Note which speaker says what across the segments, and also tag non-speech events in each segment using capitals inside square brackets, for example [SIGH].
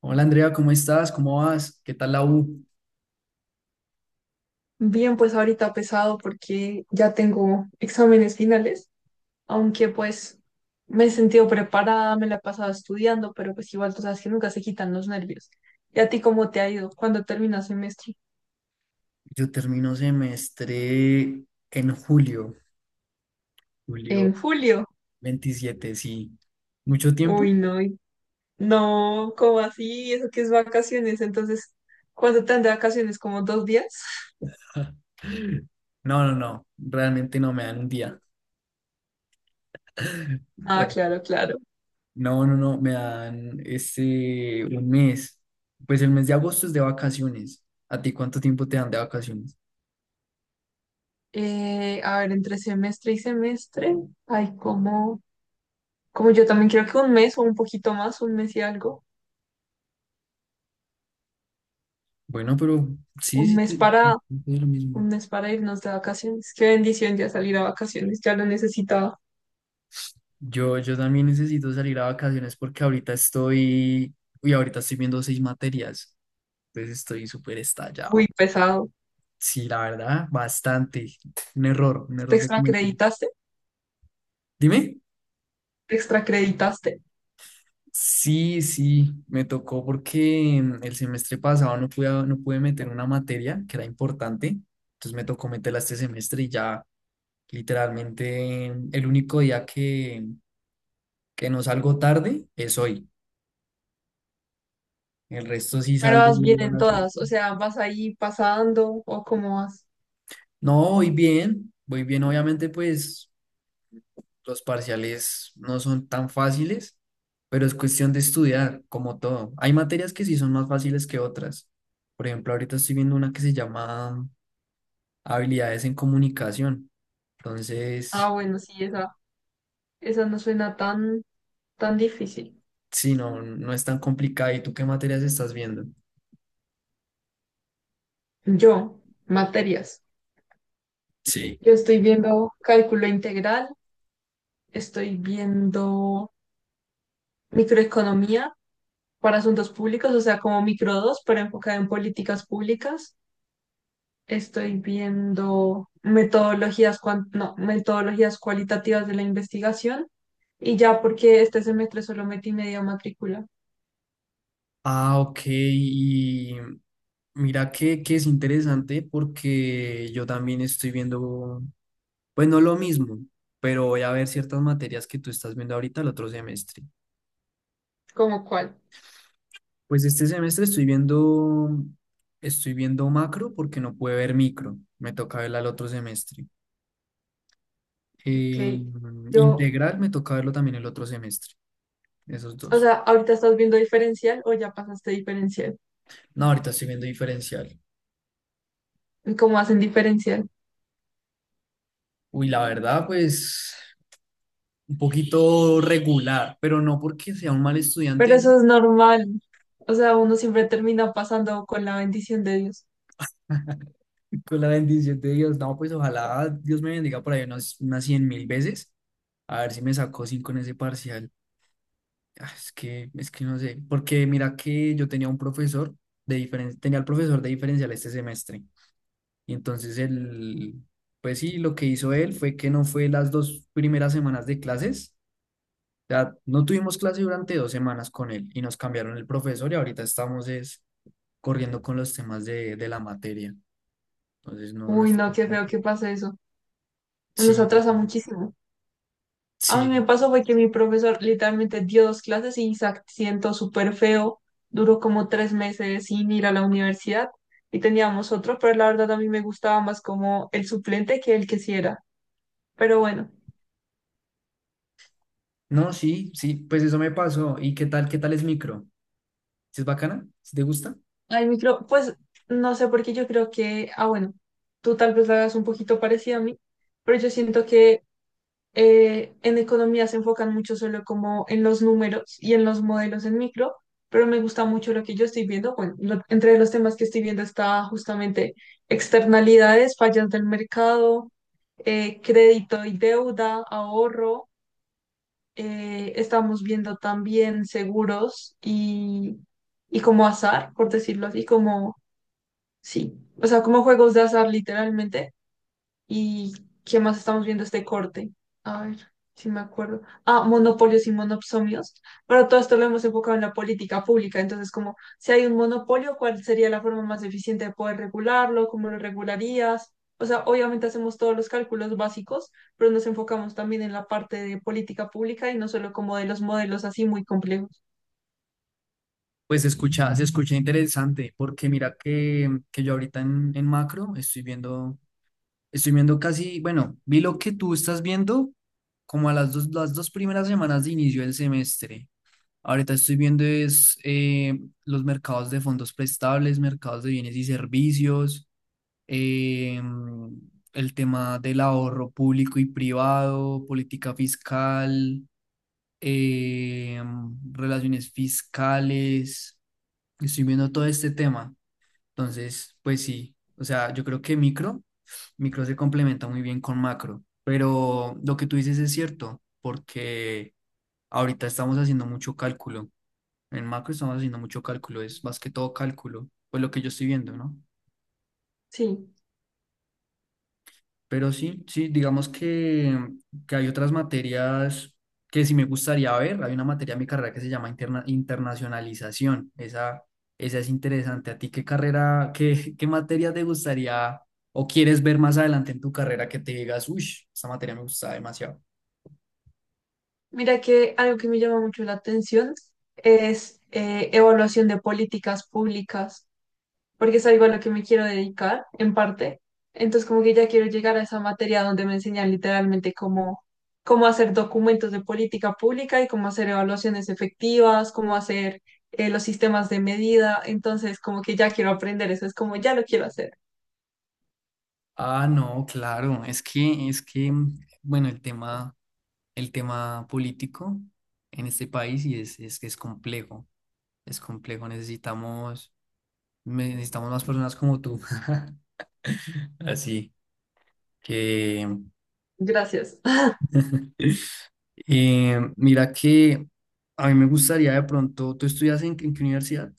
Speaker 1: Hola Andrea, ¿cómo estás? ¿Cómo vas? ¿Qué tal la U?
Speaker 2: Bien, pues ahorita pesado porque ya tengo exámenes finales, aunque pues me he sentido preparada, me la he pasado estudiando, pero pues igual tú sabes que nunca se quitan los nervios. ¿Y a ti cómo te ha ido? ¿Cuándo terminas semestre?
Speaker 1: Yo termino semestre en julio, julio
Speaker 2: En julio.
Speaker 1: 27, sí. ¿Mucho tiempo?
Speaker 2: Uy, no, no, ¿cómo así? ¿Eso que es vacaciones? Entonces, ¿cuánto te dan de vacaciones? ¿Como 2 días? [LAUGHS]
Speaker 1: [LAUGHS] No, no, no, realmente no me dan un día. [LAUGHS]
Speaker 2: Ah,
Speaker 1: No,
Speaker 2: claro, claro.
Speaker 1: no, no, no, me dan un mes. Pues el mes de agosto es de vacaciones. ¿A ti cuánto tiempo te dan de vacaciones?
Speaker 2: A ver, entre semestre y semestre hay como yo también creo que un mes o un poquito más, un mes y algo.
Speaker 1: Bueno, pero sí,
Speaker 2: Un
Speaker 1: sí,
Speaker 2: mes
Speaker 1: sí,
Speaker 2: para,
Speaker 1: sí, es lo
Speaker 2: un
Speaker 1: mismo.
Speaker 2: mes para irnos de vacaciones. Qué bendición ya salir a vacaciones, ya lo necesitaba.
Speaker 1: Yo también necesito salir a vacaciones porque uy, ahorita estoy viendo seis materias, entonces estoy súper
Speaker 2: Muy
Speaker 1: estallado.
Speaker 2: pesado.
Speaker 1: Sí, la verdad, bastante. Un
Speaker 2: ¿Te
Speaker 1: error que cometí.
Speaker 2: extracreditaste?
Speaker 1: Dime.
Speaker 2: ¿Te extracreditaste?
Speaker 1: Sí, sí, me tocó porque el semestre pasado no pude meter una materia que era importante, entonces me tocó meterla este semestre y ya literalmente el único día que no salgo tarde es hoy. El resto sí
Speaker 2: Pero vas bien
Speaker 1: salgo a
Speaker 2: en
Speaker 1: las ocho.
Speaker 2: todas, o sea, vas ahí pasando o cómo vas.
Speaker 1: No, voy bien, voy bien. Obviamente, pues los parciales no son tan fáciles, pero es cuestión de estudiar, como todo. Hay materias que sí son más fáciles que otras. Por ejemplo, ahorita estoy viendo una que se llama habilidades en comunicación.
Speaker 2: Ah,
Speaker 1: Entonces,
Speaker 2: bueno, sí, esa no suena tan, tan difícil.
Speaker 1: sí, no, no es tan complicada. ¿Y tú qué materias estás viendo?
Speaker 2: Yo, materias.
Speaker 1: Sí.
Speaker 2: Yo estoy viendo cálculo integral, estoy viendo microeconomía para asuntos públicos, o sea, como micro 2 pero enfocada en políticas públicas. Estoy viendo metodologías, no, metodologías cualitativas de la investigación y ya porque este semestre solo metí media matrícula.
Speaker 1: Ah, ok. Y mira que es interesante porque yo también estoy viendo pues no lo mismo, pero voy a ver ciertas materias que tú estás viendo ahorita el otro semestre.
Speaker 2: ¿Cómo cuál?
Speaker 1: Pues este semestre estoy viendo macro porque no pude ver micro. Me toca verla el otro semestre.
Speaker 2: Ok.
Speaker 1: Eh,
Speaker 2: Yo,
Speaker 1: integral me toca verlo también el otro semestre. Esos
Speaker 2: o
Speaker 1: dos.
Speaker 2: sea, ahorita estás viendo diferencial o ya pasaste diferencial.
Speaker 1: No, ahorita estoy viendo diferencial.
Speaker 2: ¿Cómo hacen diferencial?
Speaker 1: Uy, la verdad, pues un poquito regular, pero no porque sea un mal
Speaker 2: Pero
Speaker 1: estudiante.
Speaker 2: eso es normal. O sea, uno siempre termina pasando con la bendición de Dios.
Speaker 1: Con la bendición de Dios, no, pues ojalá Dios me bendiga por ahí unas 100.000 veces. A ver si me sacó cinco en ese parcial. Ah, es que, es que no sé, porque mira que yo tenía un profesor de diferencia, tenía el profesor de diferencial este semestre. Y entonces él, pues sí, lo que hizo él fue que no fue las dos primeras semanas de clases. O sea, no tuvimos clase durante 2 semanas con él y nos cambiaron el profesor y ahorita estamos es corriendo con los temas de la materia. Entonces no, no
Speaker 2: Uy,
Speaker 1: está-
Speaker 2: no, qué feo que pase eso. Nos
Speaker 1: Sí,
Speaker 2: atrasa muchísimo. A
Speaker 1: sí.
Speaker 2: mí me pasó fue que mi profesor literalmente dio 2 clases y se siento súper feo. Duró como 3 meses sin ir a la universidad y teníamos otro, pero la verdad a mí me gustaba más como el suplente que el que sí era. Pero bueno,
Speaker 1: No, sí, sí, pues eso me pasó. ¿Y qué tal es micro? ¿Sí? ¿Es bacana? ¿Sí te gusta?
Speaker 2: al micro, pues no sé por qué yo creo que, ah, bueno, tú tal vez lo hagas un poquito parecido a mí, pero yo siento que en economía se enfocan mucho solo como en los números y en los modelos en micro, pero me gusta mucho lo que yo estoy viendo. Bueno, entre los temas que estoy viendo está justamente externalidades, fallas del mercado, crédito y deuda, ahorro. Estamos viendo también seguros y como azar, por decirlo así, como, sí, o sea, como juegos de azar literalmente. ¿Y qué más estamos viendo este corte? A ver, si me acuerdo. Ah, monopolios y monopsonios. Pero todo esto lo hemos enfocado en la política pública. Entonces, como si hay un monopolio, ¿cuál sería la forma más eficiente de poder regularlo? ¿Cómo lo regularías? O sea, obviamente hacemos todos los cálculos básicos, pero nos enfocamos también en la parte de política pública y no solo como de los modelos así muy complejos.
Speaker 1: Pues se escucha interesante, porque mira que yo ahorita en macro estoy viendo casi, bueno, vi lo que tú estás viendo como a las dos primeras semanas de inicio del semestre. Ahorita estoy viendo es los mercados de fondos prestables, mercados de bienes y servicios, eh, el tema del ahorro público y privado, política fiscal, eh, relaciones fiscales, estoy viendo todo este tema. Entonces, pues sí, o sea, yo creo que micro se complementa muy bien con macro, pero lo que tú dices es cierto, porque ahorita estamos haciendo mucho cálculo. En macro estamos haciendo mucho cálculo, es más que todo cálculo, pues lo que yo estoy viendo, ¿no?
Speaker 2: Sí.
Speaker 1: Pero sí, sí, digamos que hay otras materias que sí me gustaría ver. Hay una materia en mi carrera que se llama internacionalización. Esa es interesante. ¿A ti qué materia te gustaría o quieres ver más adelante en tu carrera que te digas, uy, esta materia me gusta demasiado?
Speaker 2: Mira que algo que me llama mucho la atención es evaluación de políticas públicas, porque es algo a lo que me quiero dedicar, en parte. Entonces, como que ya quiero llegar a esa materia donde me enseñan literalmente cómo, cómo hacer documentos de política pública y cómo hacer evaluaciones efectivas, cómo hacer los sistemas de medida. Entonces, como que ya quiero aprender eso, es como ya lo quiero hacer.
Speaker 1: Ah, no, claro, es que, bueno, el tema político en este país y es que es complejo, es complejo. Necesitamos más personas como tú. [LAUGHS] Así que,
Speaker 2: Gracias. [LAUGHS]
Speaker 1: [LAUGHS] mira que a mí me gustaría de pronto, ¿tú estudias en qué universidad?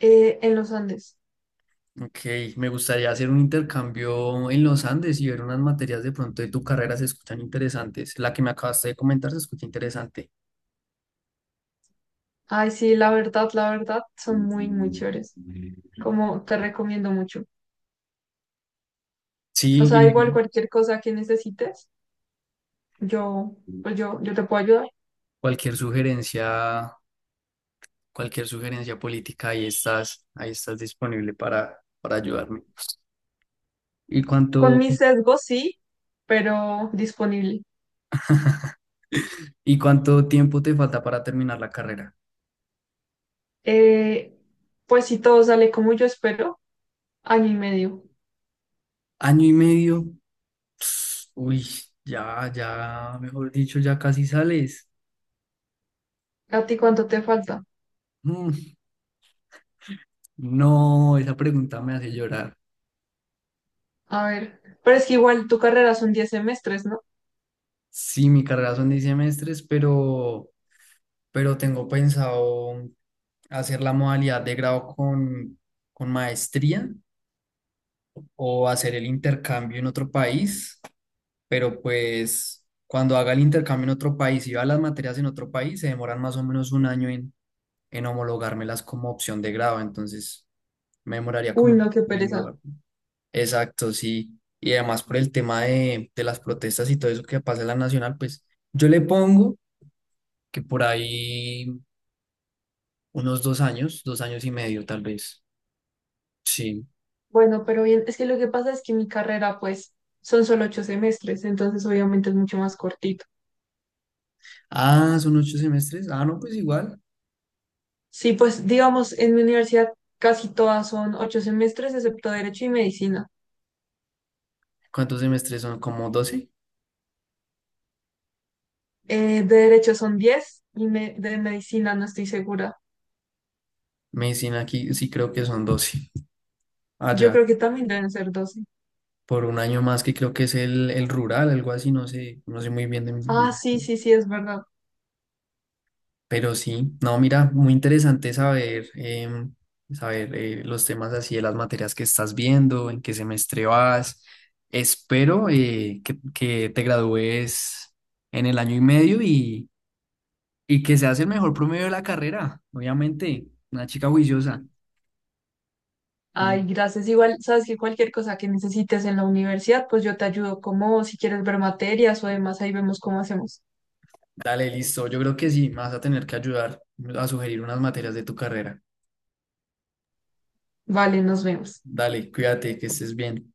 Speaker 2: En los Andes.
Speaker 1: Ok, me gustaría hacer un intercambio en los Andes y ver unas materias de pronto de tu carrera, se escuchan interesantes. La que me acabaste de comentar se escucha interesante.
Speaker 2: Ay, sí, la verdad, son muy, muy chéveres. Como te recomiendo mucho. O
Speaker 1: Sí,
Speaker 2: sea,
Speaker 1: y
Speaker 2: igual cualquier cosa que necesites, yo, pues yo te puedo ayudar.
Speaker 1: cualquier sugerencia, cualquier sugerencia política, ahí estás disponible para ayudarme. ¿Y
Speaker 2: Con
Speaker 1: cuánto,
Speaker 2: mis sesgos sí, pero disponible.
Speaker 1: ¿Y cuánto tiempo te falta para terminar la carrera?
Speaker 2: Eh, pues si todo sale como yo espero, año y medio.
Speaker 1: ¿Año y medio? Uy, ya, ya, mejor dicho, ya casi sales.
Speaker 2: ¿A ti cuánto te falta?
Speaker 1: Mm, no, esa pregunta me hace llorar.
Speaker 2: A ver, pero es que igual tu carrera son 10 semestres, ¿no?
Speaker 1: Sí, mi carrera son 10 semestres, pero tengo pensado hacer la modalidad de grado con maestría o hacer el intercambio en otro país, pero pues cuando haga el intercambio en otro país y va las materias en otro país, se demoran más o menos un año en homologármelas como opción de grado, entonces me demoraría
Speaker 2: Uy,
Speaker 1: como un
Speaker 2: no,
Speaker 1: año
Speaker 2: qué pereza.
Speaker 1: en. Exacto, sí. Y además por el tema de las protestas y todo eso que pasa en la nacional, pues yo le pongo que por ahí unos 2 años, 2 años y medio tal vez. Sí.
Speaker 2: Bueno, pero bien, es que lo que pasa es que mi carrera, pues, son solo 8 semestres, entonces obviamente es mucho más cortito.
Speaker 1: Ah, son 8 semestres. Ah, no, pues igual.
Speaker 2: Sí, pues, digamos, en mi universidad casi todas son 8 semestres, excepto Derecho y Medicina.
Speaker 1: ¿Cuántos semestres son? ¿Como 12?
Speaker 2: De Derecho son 10 y de Medicina no estoy segura.
Speaker 1: Medicina aquí sí creo que son 12.
Speaker 2: Yo
Speaker 1: Allá,
Speaker 2: creo que también deben ser 12.
Speaker 1: por un año más que creo que es el rural, algo así, no sé muy bien de.
Speaker 2: Ah, sí, sí, sí, es verdad.
Speaker 1: Pero sí, no, mira, muy interesante saber, los temas así de las materias que estás viendo, en qué semestre vas. Espero que te gradúes en el año y medio y que seas el mejor promedio de la carrera, obviamente, una chica juiciosa. Sí.
Speaker 2: Ay, gracias. Igual, sabes que cualquier cosa que necesites en la universidad, pues yo te ayudo como si quieres ver materias o demás, ahí vemos cómo hacemos.
Speaker 1: Dale, listo, yo creo que sí, me vas a tener que ayudar a sugerir unas materias de tu carrera.
Speaker 2: Vale, nos vemos.
Speaker 1: Dale, cuídate, que estés bien.